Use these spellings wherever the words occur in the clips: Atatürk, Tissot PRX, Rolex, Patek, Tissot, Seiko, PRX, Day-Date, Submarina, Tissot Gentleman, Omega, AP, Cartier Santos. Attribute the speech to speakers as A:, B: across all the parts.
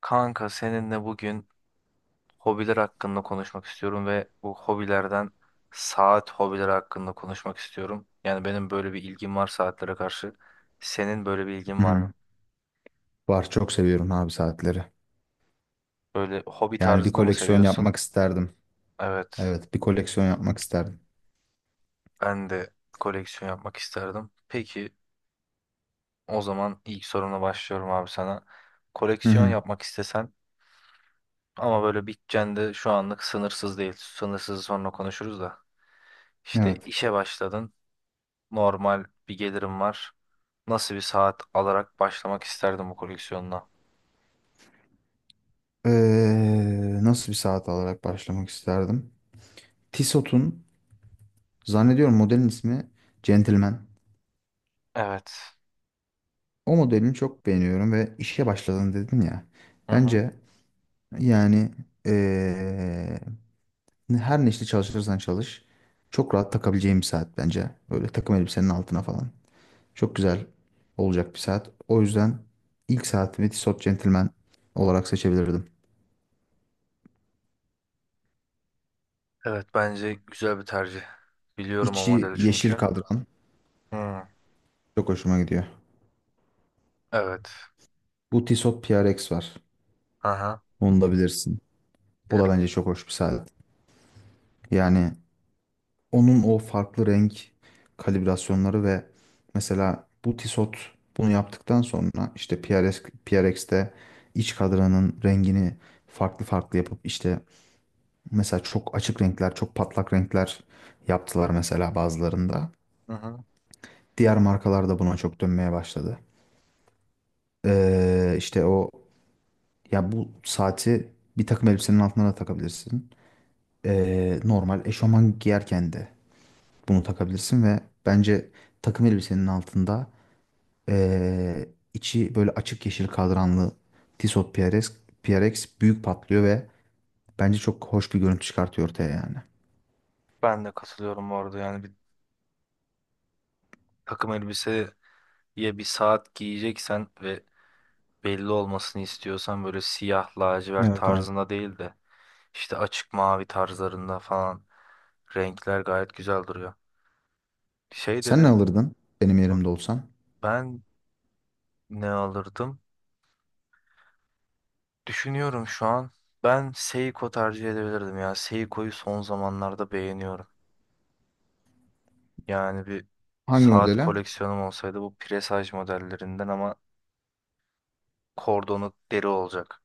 A: Kanka seninle bugün hobiler hakkında konuşmak istiyorum ve bu hobilerden saat hobileri hakkında konuşmak istiyorum. Yani benim böyle bir ilgim var saatlere karşı. Senin böyle bir ilgin
B: Hı
A: var
B: hı.
A: mı?
B: Var çok seviyorum abi saatleri.
A: Böyle hobi
B: Yani bir
A: tarzında mı
B: koleksiyon yapmak
A: seviyorsun?
B: isterdim.
A: Evet,
B: Evet bir koleksiyon yapmak isterdim.
A: ben de koleksiyon yapmak isterdim. Peki o zaman ilk sorumla başlıyorum abi sana.
B: Hı
A: Koleksiyon
B: hı.
A: yapmak istesen ama böyle bütçen de şu anlık sınırsız değil. Sınırsız sonra konuşuruz da. İşte
B: Evet.
A: işe başladın. Normal bir gelirim var. Nasıl bir saat alarak başlamak isterdim bu koleksiyonuna?
B: Nasıl bir saat alarak başlamak isterdim? Tissot'un zannediyorum modelin ismi Gentleman.
A: Evet.
B: O modelini çok beğeniyorum ve işe başladın dedin ya.
A: Hı hı.
B: Bence yani ee, her ne işte çalışırsan çalış çok rahat takabileceğim bir saat bence. Böyle takım elbisenin altına falan. Çok güzel olacak bir saat. O yüzden ilk saatimi Tissot Gentleman olarak seçebilirdim.
A: Evet bence güzel bir tercih. Biliyorum o
B: İçi
A: modeli
B: yeşil
A: çünkü.
B: kadran
A: Hmm.
B: çok hoşuma gidiyor.
A: Evet.
B: Bu Tissot PRX var.
A: Aha,
B: Onu da bilirsin. O da
A: bilirim.
B: bence çok hoş bir saat. Yani onun o farklı renk kalibrasyonları ve mesela bu Tissot bunu yaptıktan sonra işte PRX, PRX'te iç kadranın rengini farklı farklı yapıp işte mesela çok açık renkler, çok patlak renkler yaptılar mesela bazılarında.
A: Hı hı.
B: Diğer markalar da buna çok dönmeye başladı. İşte o ya bu saati bir takım elbisenin altına da takabilirsin. Normal eşofman giyerken de bunu takabilirsin ve bence takım elbisenin altında içi böyle açık yeşil kadranlı Tissot PRX, PRX büyük patlıyor ve bence çok hoş bir görüntü çıkartıyor ortaya yani.
A: Ben de katılıyorum bu arada. Yani bir takım elbiseye bir saat giyeceksen ve belli olmasını istiyorsan böyle siyah lacivert
B: Evet abi.
A: tarzında değil de işte açık mavi tarzlarında falan renkler gayet güzel duruyor. Şey
B: Sen ne
A: dedin.
B: alırdın benim
A: Bak,
B: yerimde olsan?
A: Ben ne alırdım? Düşünüyorum şu an. Ben Seiko tercih edebilirdim ya. Seiko'yu son zamanlarda beğeniyorum. Yani bir
B: Hangi
A: saat
B: modele?
A: koleksiyonum olsaydı bu presaj modellerinden ama kordonu deri olacak.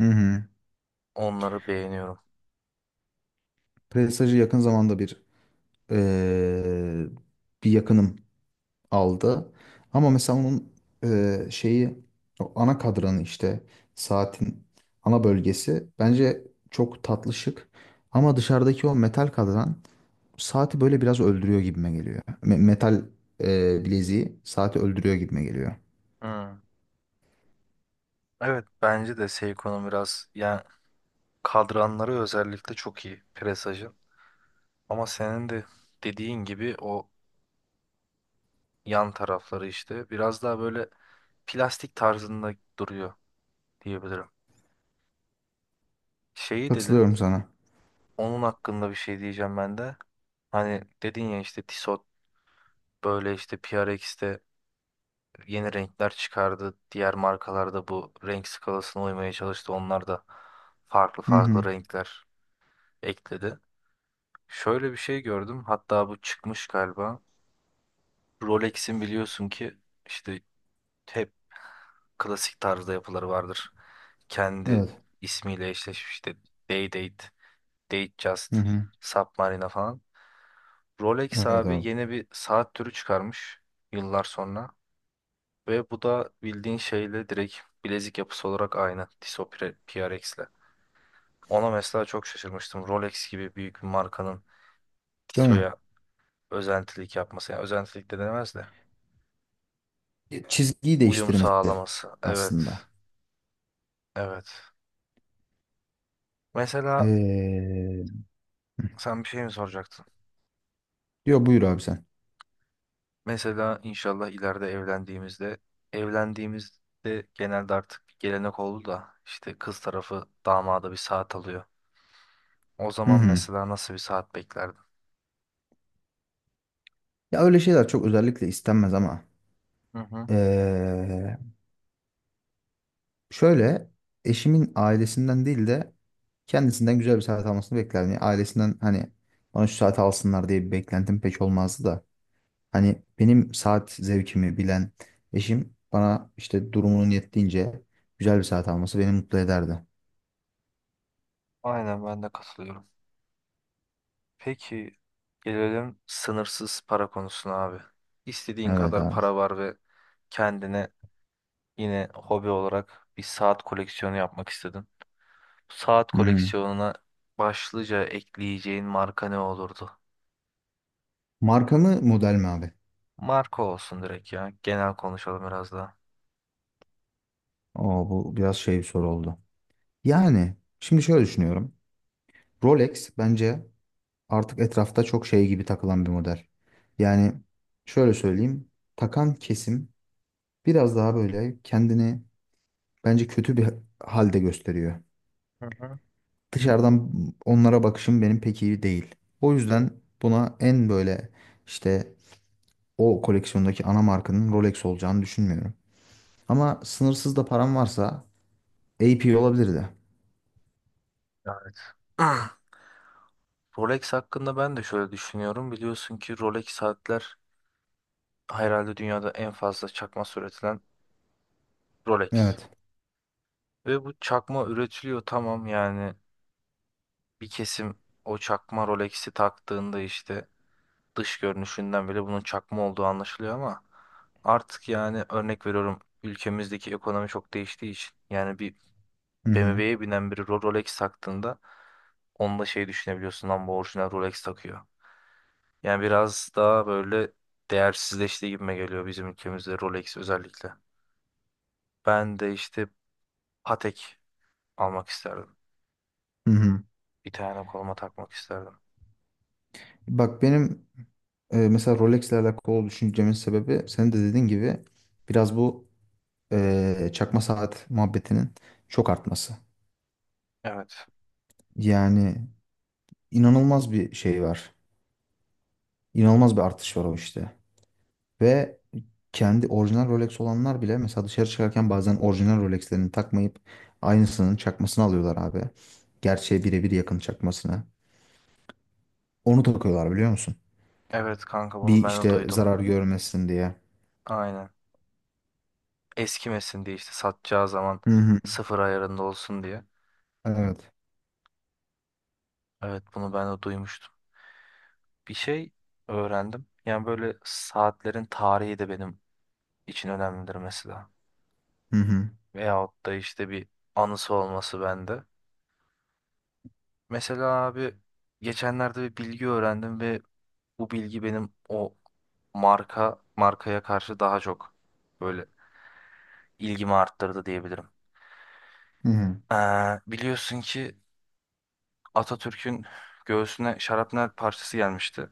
B: Hı hı.
A: Onları beğeniyorum.
B: Prestige'i yakın zamanda eee, bir yakınım aldı. Ama mesela onun şeyi o ana kadranı işte saatin ana bölgesi bence çok tatlı şık. Ama dışarıdaki o metal kadran saati böyle biraz öldürüyor gibime geliyor. Metal bileziği saati öldürüyor gibime geliyor.
A: Hmm. Evet bence de Seiko'nun biraz yani kadranları özellikle çok iyi presajın. Ama senin de dediğin gibi o yan tarafları işte biraz daha böyle plastik tarzında duruyor diyebilirim. Şeyi dedin.
B: Katılıyorum sana.
A: Onun hakkında bir şey diyeceğim ben de. Hani dedin ya işte Tissot böyle işte PRX'te yeni renkler çıkardı. Diğer markalarda bu renk skalasına uymaya çalıştı. Onlar da farklı
B: Hı
A: farklı
B: hı.
A: renkler ekledi. Şöyle bir şey gördüm. Hatta bu çıkmış galiba. Rolex'in biliyorsun ki işte hep klasik tarzda yapıları vardır. Kendi
B: Evet.
A: ismiyle eşleşmiş işte Day-Date,
B: Hı
A: Just,
B: hı.
A: Submarina falan. Rolex
B: Evet
A: abi
B: abi.
A: yeni bir saat türü çıkarmış yıllar sonra. Ve bu da bildiğin şeyle direkt bilezik yapısı olarak aynı Tissot PRX'le. Ona mesela çok şaşırmıştım. Rolex gibi büyük bir markanın
B: Değil mi?
A: Tissot'a özentilik yapması. Yani özentilik de denemez de.
B: Çizgiyi
A: Uyum
B: değiştirmesi
A: sağlaması.
B: aslında.
A: Evet. Evet. Mesela
B: Eee,
A: sen bir şey mi soracaktın?
B: Yo, buyur abi sen.
A: Mesela inşallah ileride evlendiğimizde genelde artık bir gelenek oldu da işte kız tarafı damada bir saat alıyor. O
B: Hı
A: zaman
B: hı.
A: mesela nasıl bir saat beklerdin?
B: Ya öyle şeyler çok özellikle istenmez ama
A: Hı hı.
B: eee, şöyle eşimin ailesinden değil de kendisinden güzel bir saat almasını beklerdim. Yani ailesinden hani bana şu saati alsınlar diye bir beklentim pek olmazdı da. Hani benim saat zevkimi bilen eşim bana işte durumunun yettiğince güzel bir saat alması beni mutlu ederdi.
A: Aynen ben de katılıyorum. Peki gelelim sınırsız para konusuna abi. İstediğin
B: Evet
A: kadar
B: abi.
A: para var ve kendine yine hobi olarak bir saat koleksiyonu yapmak istedin. Saat
B: Hı hı.
A: koleksiyonuna başlıca ekleyeceğin marka ne olurdu?
B: Marka mı model mi abi?
A: Marka olsun direkt ya. Genel konuşalım biraz daha.
B: Oo, bu biraz şey bir soru oldu. Yani şimdi şöyle düşünüyorum. Rolex bence artık etrafta çok şey gibi takılan bir model. Yani şöyle söyleyeyim, takan kesim biraz daha böyle kendini bence kötü bir halde gösteriyor.
A: Hı hı.
B: Dışarıdan onlara bakışım benim pek iyi değil. O yüzden buna en böyle işte o koleksiyondaki ana markanın Rolex olacağını düşünmüyorum. Ama sınırsız da param varsa AP olabilirdi.
A: Evet. Rolex hakkında ben de şöyle düşünüyorum. Biliyorsun ki Rolex saatler herhalde dünyada en fazla çakma üretilen Rolex.
B: Evet.
A: Ve bu çakma üretiliyor tamam yani bir kesim o çakma Rolex'i taktığında işte dış görünüşünden bile bunun çakma olduğu anlaşılıyor ama artık yani örnek veriyorum ülkemizdeki ekonomi çok değiştiği için yani bir
B: Hı hı.
A: BMW'ye binen biri Rolex taktığında onunla şey düşünebiliyorsun lan bu orijinal Rolex takıyor. Yani biraz daha böyle değersizleştiği gibime geliyor bizim ülkemizde Rolex özellikle. Ben de işte Patek almak isterdim.
B: Hı hı.
A: Bir tane koluma takmak isterdim.
B: Bak benim mesela Rolex'le alakalı düşüncemin sebebi sen de dediğin gibi biraz bu çakma saat muhabbetinin çok artması.
A: Evet.
B: Yani inanılmaz bir şey var. İnanılmaz bir artış var o işte. Ve kendi orijinal Rolex olanlar bile mesela dışarı çıkarken bazen orijinal Rolex'lerini takmayıp aynısının çakmasını alıyorlar abi. Gerçeğe birebir yakın çakmasını. Onu takıyorlar biliyor musun?
A: Evet kanka bunu
B: Bir
A: ben de
B: işte
A: duydum.
B: zarar görmesin diye.
A: Aynen. Eskimesin diye işte satacağı zaman
B: Hı hı.
A: sıfır ayarında olsun diye.
B: Evet.
A: Evet bunu ben de duymuştum. Bir şey öğrendim. Yani böyle saatlerin tarihi de benim için önemlidir mesela.
B: Hı hı.
A: Veyahut da işte bir anısı olması bende. Mesela abi geçenlerde bir bilgi öğrendim ve bu bilgi benim o marka markaya karşı daha çok böyle ilgimi arttırdı diyebilirim.
B: Hı hı.
A: Biliyorsun ki Atatürk'ün göğsüne şarapnel parçası gelmişti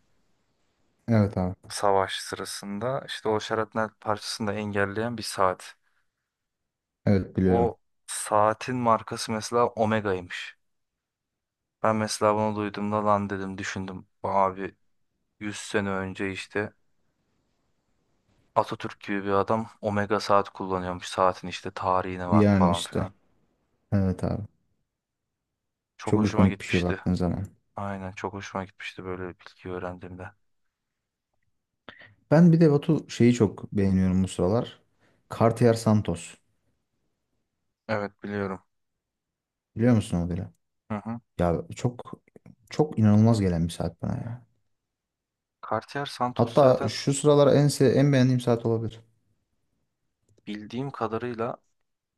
B: Evet abi.
A: savaş sırasında. İşte o şarapnel parçasını da engelleyen bir saat.
B: Evet biliyorum.
A: O saatin markası mesela Omega'ymış. Ben mesela bunu duyduğumda lan dedim düşündüm. Abi 100 sene önce işte Atatürk gibi bir adam Omega saat kullanıyormuş. Saatin işte tarihine bak
B: Yani
A: falan
B: işte.
A: filan.
B: Evet abi.
A: Çok
B: Çok
A: hoşuma
B: ikonik bir şey
A: gitmişti.
B: baktığın zaman.
A: Aynen çok hoşuma gitmişti böyle bir bilgi öğrendiğimde.
B: Ben bir de Batu şeyi çok beğeniyorum bu sıralar. Cartier Santos.
A: Evet biliyorum.
B: Biliyor musun modeli?
A: Hı hı.
B: Ya çok çok inanılmaz gelen bir saat bana ya.
A: Cartier Santos
B: Hatta
A: zaten
B: şu sıralar en beğendiğim saat olabilir.
A: bildiğim kadarıyla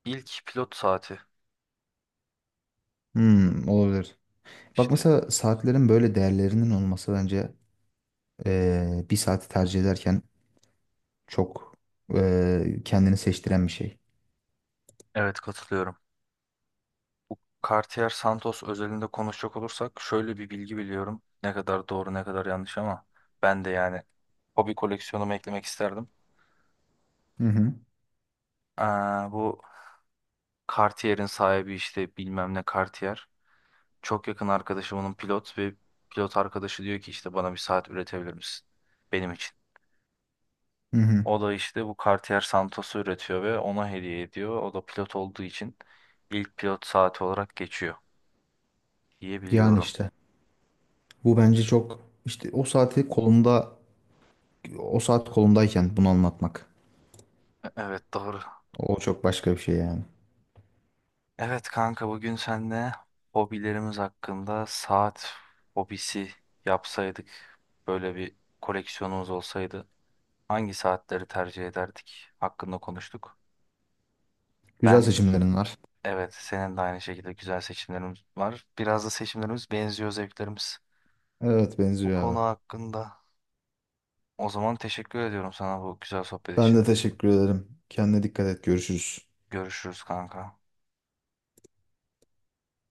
A: ilk pilot saati
B: Hmm, olabilir. Bak
A: işte
B: mesela saatlerin böyle değerlerinin olması bence bir saati tercih ederken çok kendini seçtiren bir şey.
A: evet katılıyorum. Cartier Santos özelinde konuşacak olursak şöyle bir bilgi biliyorum. Ne kadar doğru ne kadar yanlış ama ben de yani hobi koleksiyonumu eklemek isterdim.
B: Hı hı.
A: Aa, bu Cartier'in sahibi işte bilmem ne Cartier. Çok yakın arkadaşımın pilot ve pilot arkadaşı diyor ki işte bana bir saat üretebilir misin? Benim için.
B: Hı hı.
A: O da işte bu Cartier Santos'u üretiyor ve ona hediye ediyor. O da pilot olduğu için ilk pilot saati olarak geçiyor.
B: Yani
A: Diyebiliyorum.
B: işte bu bence çok işte o saat kolumdayken bunu anlatmak.
A: Evet doğru.
B: O çok başka bir şey yani.
A: Evet kanka bugün seninle hobilerimiz hakkında saat hobisi yapsaydık böyle bir koleksiyonumuz olsaydı hangi saatleri tercih ederdik hakkında konuştuk.
B: Güzel
A: Ben
B: seçimlerin var.
A: evet senin de aynı şekilde güzel seçimlerimiz var. Biraz da seçimlerimiz benziyor zevklerimiz
B: Evet
A: bu
B: benziyor
A: konu
B: abi.
A: hakkında. O zaman teşekkür ediyorum sana bu güzel sohbet
B: Ben
A: için.
B: de teşekkür ederim. Kendine dikkat et. Görüşürüz.
A: Görüşürüz kanka.